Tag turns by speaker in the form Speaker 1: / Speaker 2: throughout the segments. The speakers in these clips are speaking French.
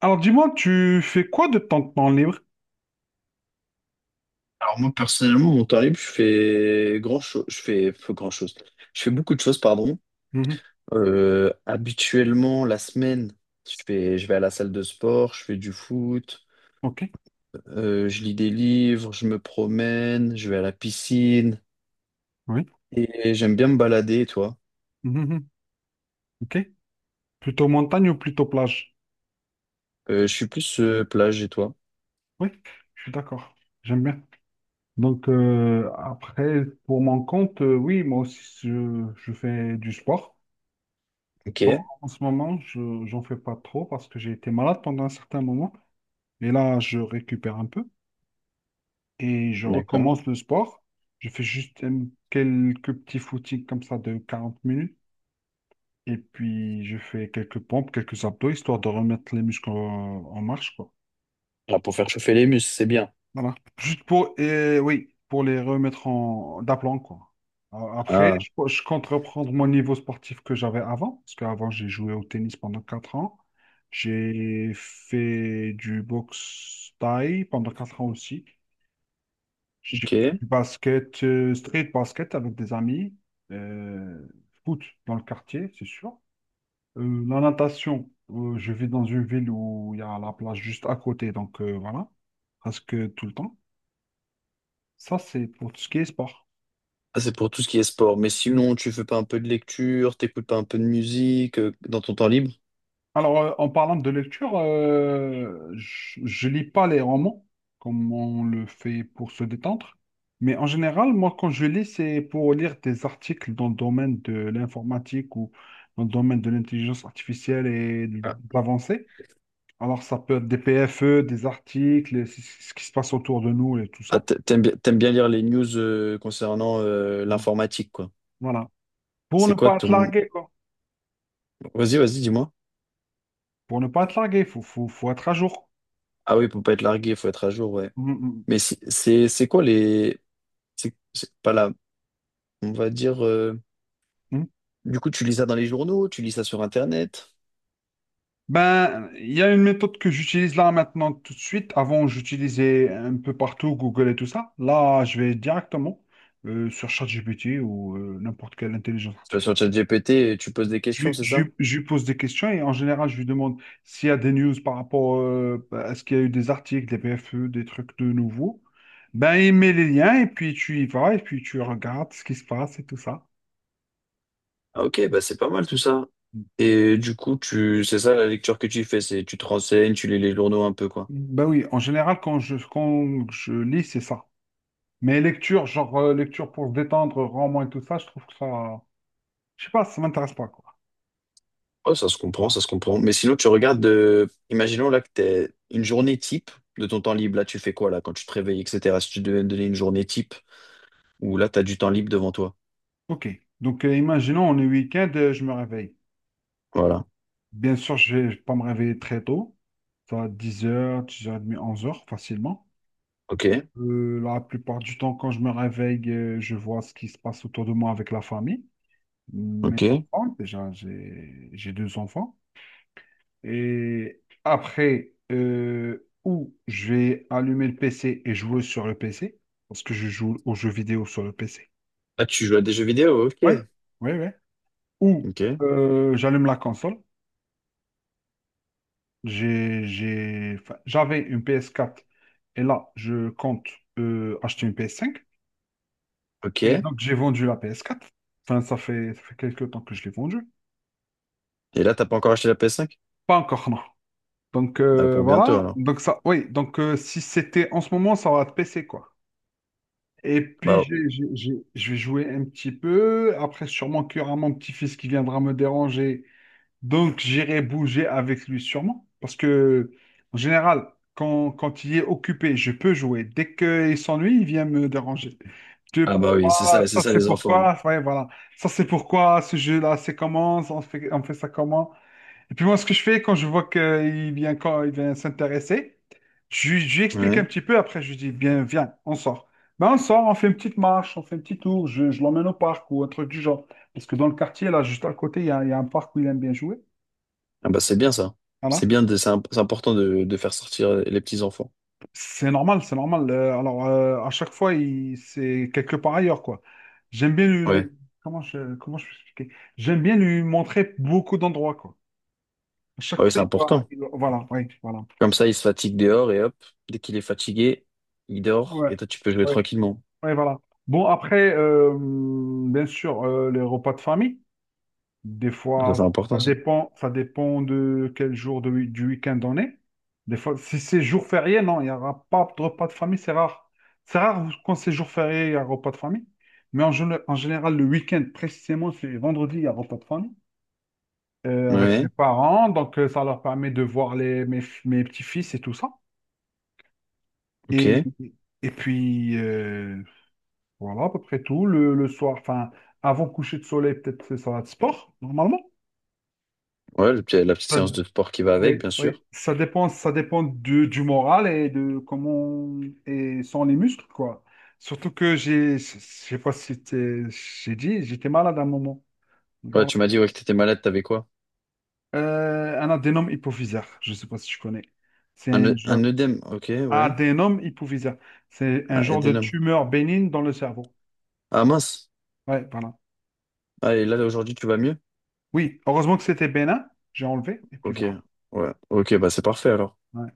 Speaker 1: Alors dis-moi, tu fais quoi de ton temps libre?
Speaker 2: Alors moi personnellement, mon temps libre, je fais grand chose, je fais grand chose. Je fais beaucoup de choses, pardon.
Speaker 1: Mhm.
Speaker 2: Habituellement, la semaine, je vais à la salle de sport, je fais du foot,
Speaker 1: Ok,
Speaker 2: je lis des livres, je me promène, je vais à la piscine
Speaker 1: oui.
Speaker 2: et j'aime bien me balader. Et toi?
Speaker 1: Mhm, mhm. Ok. Plutôt montagne ou plutôt plage?
Speaker 2: Je suis plus plage. Et toi?
Speaker 1: Oui, je suis d'accord. J'aime bien. Donc, après, pour mon compte, oui, moi aussi, je fais du sport.
Speaker 2: Ok,
Speaker 1: Bon, en ce moment, j'en fais pas trop parce que j'ai été malade pendant un certain moment. Et là, je récupère un peu et je
Speaker 2: d'accord.
Speaker 1: recommence le sport. Je fais juste quelques petits footings comme ça de 40 minutes. Et puis, je fais quelques pompes, quelques abdos, histoire de remettre les muscles en marche, quoi.
Speaker 2: Là pour faire chauffer les muscles, c'est bien.
Speaker 1: Voilà. Juste pour, et oui, pour les remettre en d'aplomb, quoi. Après,
Speaker 2: Ah,
Speaker 1: je compte reprendre mon niveau sportif que j'avais avant, parce qu'avant, j'ai joué au tennis pendant 4 ans. J'ai fait du boxe thaï pendant 4 ans aussi. J'ai fait
Speaker 2: ok.
Speaker 1: du basket, street basket avec des amis. Euh, foot dans le quartier, c'est sûr. La natation, je vis dans une ville où il y a la plage juste à côté, donc voilà, presque tout le temps. Ça, c'est pour tout ce qui est sport.
Speaker 2: Ah, c'est pour tout ce qui est sport. Mais
Speaker 1: Mm.
Speaker 2: sinon, tu fais pas un peu de lecture, t'écoutes pas un peu de musique dans ton temps libre?
Speaker 1: Alors, en parlant de lecture, je lis pas les romans comme on le fait pour se détendre, mais en général, moi, quand je lis, c'est pour lire des articles dans le domaine de l'informatique ou dans le domaine de l'intelligence artificielle et de l'avancée. Alors, ça peut être des PFE, des articles, ce qui se passe autour de nous et tout
Speaker 2: Ah,
Speaker 1: ça.
Speaker 2: t'aimes bien lire les news concernant
Speaker 1: Voilà.
Speaker 2: l'informatique, quoi.
Speaker 1: Voilà. Pour
Speaker 2: C'est
Speaker 1: ne
Speaker 2: quoi
Speaker 1: pas te
Speaker 2: ton...
Speaker 1: larguer, quoi.
Speaker 2: Vas-y, vas-y, dis-moi.
Speaker 1: Pour ne pas te larguer, il faut être à jour.
Speaker 2: Ah oui, pour pas être largué, il faut être à jour, ouais.
Speaker 1: Mm,
Speaker 2: Mais c'est quoi les... C'est pas là. On va dire...
Speaker 1: mm, mm.
Speaker 2: Du coup, tu lis ça dans les journaux, tu lis ça sur Internet,
Speaker 1: Ben, il y a une méthode que j'utilise là maintenant tout de suite. Avant, j'utilisais un peu partout Google et tout ça. Là, je vais directement sur ChatGPT ou n'importe quelle intelligence
Speaker 2: tu vas
Speaker 1: artificielle.
Speaker 2: sur ChatGPT et tu poses des
Speaker 1: Je,
Speaker 2: questions,
Speaker 1: lui
Speaker 2: c'est
Speaker 1: je
Speaker 2: ça?
Speaker 1: lui- je lui pose des questions et en général, je lui demande s'il y a des news par rapport à ce qu'il y a eu des articles, des PFE, des trucs de nouveau. Ben, il met les liens et puis tu y vas et puis tu regardes ce qui se passe et tout ça.
Speaker 2: Ah, ok, bah c'est pas mal tout ça. Et du coup, tu... c'est ça la lecture que tu fais, c'est tu te renseignes, tu lis les journaux un peu, quoi.
Speaker 1: Ben oui, en général, quand je lis, c'est ça. Mais lecture, genre lecture pour se détendre, roman et tout ça, je trouve que ça... Je sais pas, ça m'intéresse pas, quoi.
Speaker 2: Ouais, ça se comprend, ça se comprend. Mais sinon, imaginons là que t'es une journée type de ton temps libre. Là, tu fais quoi là quand tu te réveilles, etc. Si tu devais me donner une journée type où là, t'as du temps libre devant toi.
Speaker 1: Ok, donc imaginons, on est week-end, je me réveille.
Speaker 2: Voilà.
Speaker 1: Bien sûr, je vais pas me réveiller très tôt. Ça va être 10h, 10h30, 11h, facilement.
Speaker 2: Ok,
Speaker 1: La plupart du temps, quand je me réveille, je vois ce qui se passe autour de moi avec la famille. Mes
Speaker 2: ok.
Speaker 1: enfants, déjà, j'ai deux enfants. Et après, ou je vais allumer le PC et jouer sur le PC, parce que je joue aux jeux vidéo sur le PC.
Speaker 2: Ah, tu joues à des jeux vidéo,
Speaker 1: Oui,
Speaker 2: ok.
Speaker 1: oui, oui. Ou
Speaker 2: Ok,
Speaker 1: j'allume la console. Enfin, j'avais une PS4 et là, je compte acheter une PS5. Et
Speaker 2: ok.
Speaker 1: donc, j'ai vendu la PS4. Enfin, ça fait quelques temps que je l'ai vendue.
Speaker 2: Et là, t'as pas encore acheté la PS5?
Speaker 1: Pas encore, non. Donc,
Speaker 2: Bah, pour bientôt
Speaker 1: voilà.
Speaker 2: alors.
Speaker 1: Donc, ça, oui. Donc, si c'était en ce moment, ça va être PC, quoi. Et puis,
Speaker 2: Bah,
Speaker 1: je vais jouer un petit peu. Après, sûrement qu'il y aura mon petit-fils qui viendra me déranger. Donc, j'irai bouger avec lui sûrement. Parce que, en général, quand il est occupé, je peux jouer. Dès qu'il s'ennuie, il vient me déranger. Je peux
Speaker 2: ah bah oui,
Speaker 1: pas,
Speaker 2: c'est
Speaker 1: ça,
Speaker 2: ça
Speaker 1: c'est
Speaker 2: les enfants.
Speaker 1: pourquoi. Ouais, voilà. Ça, c'est pourquoi ce jeu-là, c'est comment? On fait ça comment? Et puis moi, ce que je fais quand je vois qu'il vient, quand il vient s'intéresser, je lui explique
Speaker 2: Hein.
Speaker 1: un
Speaker 2: Ouais.
Speaker 1: petit peu, après je lui dis, bien, viens, on sort. Ben, on sort, on fait une petite marche, on fait un petit tour, je l'emmène au parc ou un truc du genre. Parce que dans le quartier, là, juste à côté, il y a un parc où il aime bien jouer.
Speaker 2: Ah bah c'est bien ça. C'est
Speaker 1: Voilà.
Speaker 2: bien, c'est important de faire sortir les petits enfants.
Speaker 1: C'est normal, c'est normal. Alors, à chaque fois, c'est quelque part ailleurs, quoi. J'aime bien lui,
Speaker 2: Ouais.
Speaker 1: le- comment je peux expliquer? J'aime bien lui montrer beaucoup d'endroits, quoi. À chaque
Speaker 2: Bah oui,
Speaker 1: fois,
Speaker 2: c'est important.
Speaker 1: voilà, oui, voilà.
Speaker 2: Comme ça, il se fatigue dehors et hop, dès qu'il est fatigué, il dort et toi, tu peux jouer
Speaker 1: Ouais.
Speaker 2: tranquillement.
Speaker 1: Ouais, voilà. Bon, après, bien sûr, les repas de famille, des
Speaker 2: Ça,
Speaker 1: fois,
Speaker 2: c'est important, ça.
Speaker 1: ça dépend de quel jour de, wi- du week-end on est. Des fois, si c'est jour férié, non, il n'y aura pas de repas de famille, c'est rare. C'est rare quand c'est jour férié, il y a repas de famille. Mais en général, le week-end, précisément, c'est vendredi, il y a repas de famille avec mes
Speaker 2: Ouais,
Speaker 1: parents. Donc, ça leur permet de voir les, mes petits-fils et tout ça. Et,
Speaker 2: ok.
Speaker 1: et puis, voilà, à peu près tout. Le soir, enfin, avant coucher de soleil, peut-être c'est ça va de sport, normalement.
Speaker 2: Ouais, la petite
Speaker 1: Ça-
Speaker 2: séance de sport qui va
Speaker 1: oui,
Speaker 2: avec, bien
Speaker 1: oui.
Speaker 2: sûr.
Speaker 1: Ça dépend du moral et de comment et sont les muscles, quoi. Surtout que je sais pas si t'es- j'ai dit, j'étais malade à un moment.
Speaker 2: Ouais,
Speaker 1: Voilà.
Speaker 2: tu m'as dit ouais, que t'étais malade, t'avais quoi?
Speaker 1: Un adénome hypophysaire, je sais pas si tu connais. C'est
Speaker 2: Un,
Speaker 1: un
Speaker 2: œ- un
Speaker 1: genre
Speaker 2: œdème, ok, ouais.
Speaker 1: adénome hypophysaire. C'est un
Speaker 2: Ah,
Speaker 1: genre de
Speaker 2: édénome.
Speaker 1: tumeur bénigne dans le cerveau.
Speaker 2: Ah, mince.
Speaker 1: Ouais, voilà.
Speaker 2: Ah, et là, aujourd'hui, tu vas mieux?
Speaker 1: Oui, heureusement que c'était bénin, j'ai enlevé, et puis
Speaker 2: Ok,
Speaker 1: voilà.
Speaker 2: ouais. Ok, bah c'est parfait alors.
Speaker 1: Ouais.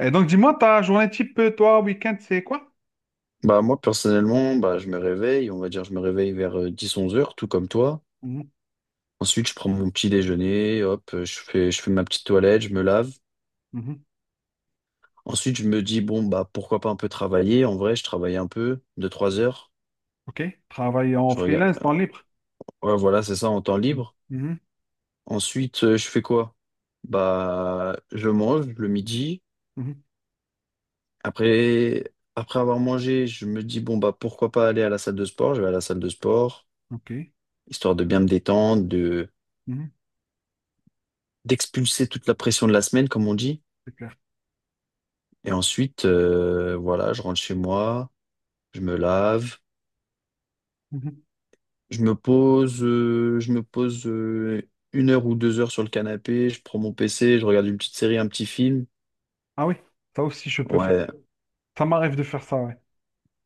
Speaker 1: Et donc, dis-moi, ta journée type, toi, week-end, c'est quoi?
Speaker 2: Bah moi, personnellement, bah je me réveille, on va dire, je me réveille vers 10-11 heures, tout comme toi.
Speaker 1: Mhm,
Speaker 2: Ensuite, je prends mon petit déjeuner, hop, je fais ma petite toilette, je me lave.
Speaker 1: mhm,
Speaker 2: Ensuite, je me dis, bon, bah, pourquoi pas un peu travailler. En vrai, je travaille un peu, 2 trois heures.
Speaker 1: OK. Travail en
Speaker 2: Je regarde.
Speaker 1: freelance, temps libre.
Speaker 2: Ouais, voilà, c'est ça, en temps
Speaker 1: Mhm,
Speaker 2: libre.
Speaker 1: mhm,
Speaker 2: Ensuite, je fais quoi? Bah, je mange le midi.
Speaker 1: mhm,
Speaker 2: Après, après avoir mangé, je me dis, bon, bah, pourquoi pas aller à la salle de sport? Je vais à la salle de sport,
Speaker 1: OK.
Speaker 2: histoire de bien me détendre,
Speaker 1: Mhm.
Speaker 2: d'expulser toute la pression de la semaine, comme on dit.
Speaker 1: C'est clair.
Speaker 2: Et ensuite, voilà, je rentre chez moi, je me lave.
Speaker 1: Mhm.
Speaker 2: Je me pose 1 heure ou 2 heures sur le canapé, je prends mon PC, je regarde une petite série, un petit film.
Speaker 1: Ah oui, ça aussi, je peux faire.
Speaker 2: Ouais,
Speaker 1: Ça m'arrive de faire ça, ouais.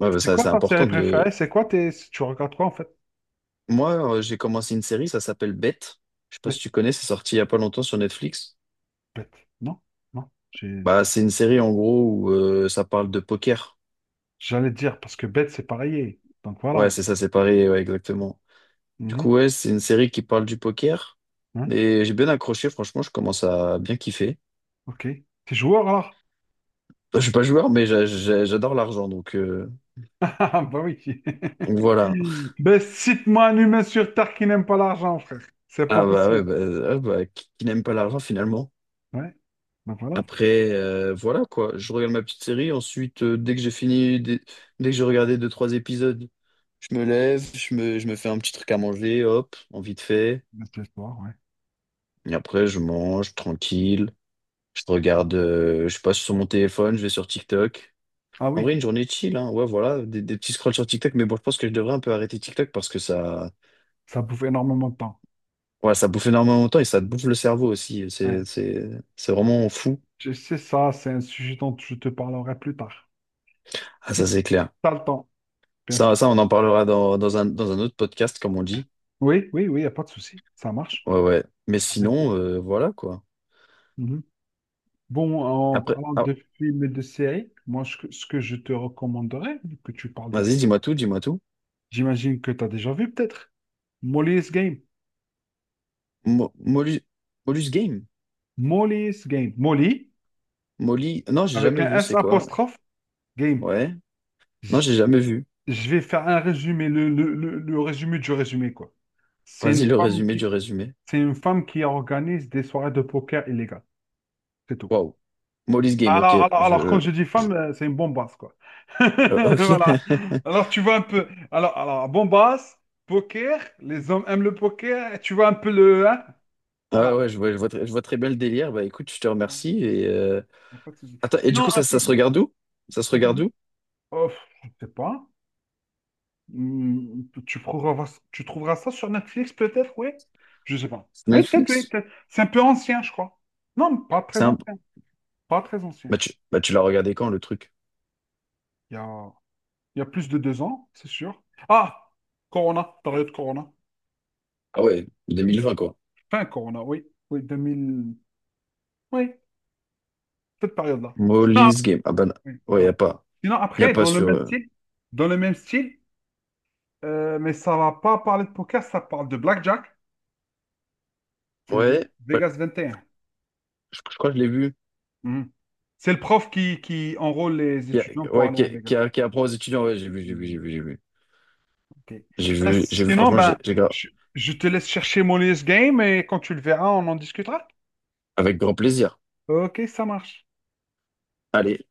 Speaker 2: ouais, bah,
Speaker 1: C'est
Speaker 2: ça,
Speaker 1: quoi
Speaker 2: c'est
Speaker 1: ta série
Speaker 2: important de.
Speaker 1: préférée? C'est quoi tes... Tu regardes quoi, en fait?
Speaker 2: Moi, j'ai commencé une série, ça s'appelle Bête. Je sais pas
Speaker 1: Bête.
Speaker 2: si tu connais, c'est sorti il y a pas longtemps sur Netflix.
Speaker 1: Bête. Non? Non.
Speaker 2: Bah, c'est une série en gros où ça parle de poker.
Speaker 1: J'allais dire, parce que bête, c'est pareil. Donc,
Speaker 2: Ouais,
Speaker 1: voilà.
Speaker 2: c'est ça, c'est pareil, ouais, exactement. Du
Speaker 1: Mhm,
Speaker 2: coup, ouais, c'est une série qui parle du poker.
Speaker 1: hein,
Speaker 2: Et j'ai bien accroché, franchement, je commence à bien kiffer.
Speaker 1: OK. T'es joueur, alors?
Speaker 2: Je suis pas joueur, mais j'adore l'argent, donc, euh,
Speaker 1: Ah, bah oui.
Speaker 2: donc voilà.
Speaker 1: Ben, cite-moi un humain sur Terre qui n'aime pas l'argent, frère. C'est pas
Speaker 2: Ah bah ouais,
Speaker 1: possible.
Speaker 2: bah, ah bah, qui n'aime pas l'argent finalement.
Speaker 1: Ouais. Ben voilà,
Speaker 2: Après, voilà quoi, je regarde ma petite série, ensuite dès que j'ai fini, dès que j'ai regardé deux, trois épisodes, je me lève, je me fais un petit truc à manger, hop, en vite fait.
Speaker 1: ben, c'est l'histoire, ouais.
Speaker 2: Et après, je mange tranquille, je passe sur mon téléphone, je vais sur TikTok.
Speaker 1: Ah
Speaker 2: En
Speaker 1: oui,
Speaker 2: vrai, une journée chill, hein, ouais, voilà, des petits scrolls sur TikTok, mais bon, je pense que je devrais un peu arrêter TikTok parce que ça,
Speaker 1: ça bouffe énormément de temps.
Speaker 2: ouais, ça bouffe énormément de temps et ça te bouffe le cerveau aussi, c'est,
Speaker 1: Ouais.
Speaker 2: c'est, c'est vraiment fou.
Speaker 1: Je sais ça, c'est un sujet dont je te parlerai plus tard.
Speaker 2: Ah,
Speaker 1: Si
Speaker 2: ça c'est clair.
Speaker 1: t'as le temps, bien
Speaker 2: Ça,
Speaker 1: sûr.
Speaker 2: ça, on en parlera dans un autre podcast, comme on dit.
Speaker 1: Oui, oui, oui, il n'y a pas de souci. Ça marche.
Speaker 2: Ouais, ouais. Mais
Speaker 1: Avec
Speaker 2: sinon,
Speaker 1: plaisir.
Speaker 2: voilà quoi.
Speaker 1: Mhm. Bon, en
Speaker 2: Après,
Speaker 1: parlant
Speaker 2: ah,
Speaker 1: de films et de séries, moi, ce que je te recommanderais, vu que tu parles de...
Speaker 2: vas-y, dis-moi tout, dis-moi tout.
Speaker 1: J'imagine que tu as déjà vu peut-être. Molly's Game.
Speaker 2: Molus, Molus Game.
Speaker 1: Molly's Game. Molly,
Speaker 2: Molly. Non, j'ai
Speaker 1: avec
Speaker 2: jamais
Speaker 1: un
Speaker 2: vu,
Speaker 1: S
Speaker 2: c'est quoi?
Speaker 1: apostrophe Game,
Speaker 2: Ouais. Non, j'ai jamais vu.
Speaker 1: je vais faire un résumé, le résumé du résumé, quoi. C'est une
Speaker 2: Vas-y, le
Speaker 1: femme
Speaker 2: résumé
Speaker 1: qui,
Speaker 2: du résumé.
Speaker 1: c'est une femme qui organise des soirées de poker illégales. C'est tout.
Speaker 2: Waouh. Molly's Game, ok.
Speaker 1: Alors,
Speaker 2: Je,
Speaker 1: quand je dis
Speaker 2: je-
Speaker 1: femme, c'est une bombasse, quoi.
Speaker 2: ok.
Speaker 1: Voilà. Alors, tu vois un peu. Alors, bombasse, poker, les hommes aiment le poker, tu vois un peu le. Hein.
Speaker 2: Ah
Speaker 1: Voilà.
Speaker 2: ouais, je vois très bien le délire. Bah écoute, je te
Speaker 1: Bon,
Speaker 2: remercie. Et,
Speaker 1: y a pas de souci.
Speaker 2: attends, et du coup,
Speaker 1: Sinon, un
Speaker 2: ça,
Speaker 1: peu
Speaker 2: ça se
Speaker 1: plus.
Speaker 2: regarde où? Ça se
Speaker 1: Un peu
Speaker 2: regarde
Speaker 1: plus.
Speaker 2: où?
Speaker 1: Oh, je sais pas. Hmm. Tu trouveras ça sur Netflix, peut-être, oui? Je sais pas. Oui, peut-être, oui,
Speaker 2: Netflix?
Speaker 1: peut-être. C'est un peu ancien, je crois. Non, pas
Speaker 2: C'est
Speaker 1: très
Speaker 2: un...
Speaker 1: ancien. Pas très
Speaker 2: Bah
Speaker 1: ancien.
Speaker 2: tu, bah, tu l'as regardé quand, le truc?
Speaker 1: Il y a, il y a plus de 2 ans, c'est sûr. Ah! Corona, période Corona.
Speaker 2: Ah ouais, 2020 quoi.
Speaker 1: Fin Corona, oui. Oui, 2000. Oui, cette période-là. Sinon, ah,
Speaker 2: Molly's Game. Ah ben,
Speaker 1: oui,
Speaker 2: ouais, y
Speaker 1: voilà.
Speaker 2: a pas.
Speaker 1: Sinon,
Speaker 2: Y a
Speaker 1: après,
Speaker 2: pas sur.
Speaker 1: dans le même style, mais ça va pas parler de poker, ça parle de blackjack. C'est Ve-
Speaker 2: Ouais, ouais,
Speaker 1: Vegas 21.
Speaker 2: je crois que je l'ai vu.
Speaker 1: Mhm. C'est le prof qui enrôle les
Speaker 2: Qui a-
Speaker 1: étudiants pour
Speaker 2: ouais,
Speaker 1: aller
Speaker 2: qui,
Speaker 1: avec.
Speaker 2: qui, qui apprend aux étudiants. Ouais, j'ai vu, j'ai vu, j'ai
Speaker 1: Mhm.
Speaker 2: vu, j'ai vu.
Speaker 1: Ok.
Speaker 2: J'ai
Speaker 1: Ben,
Speaker 2: vu, j'ai vu,
Speaker 1: sinon,
Speaker 2: franchement,
Speaker 1: je, je te laisse chercher mon US Game et quand tu le verras, on en discutera.
Speaker 2: avec grand plaisir.
Speaker 1: Ok, ça marche.
Speaker 2: Allez,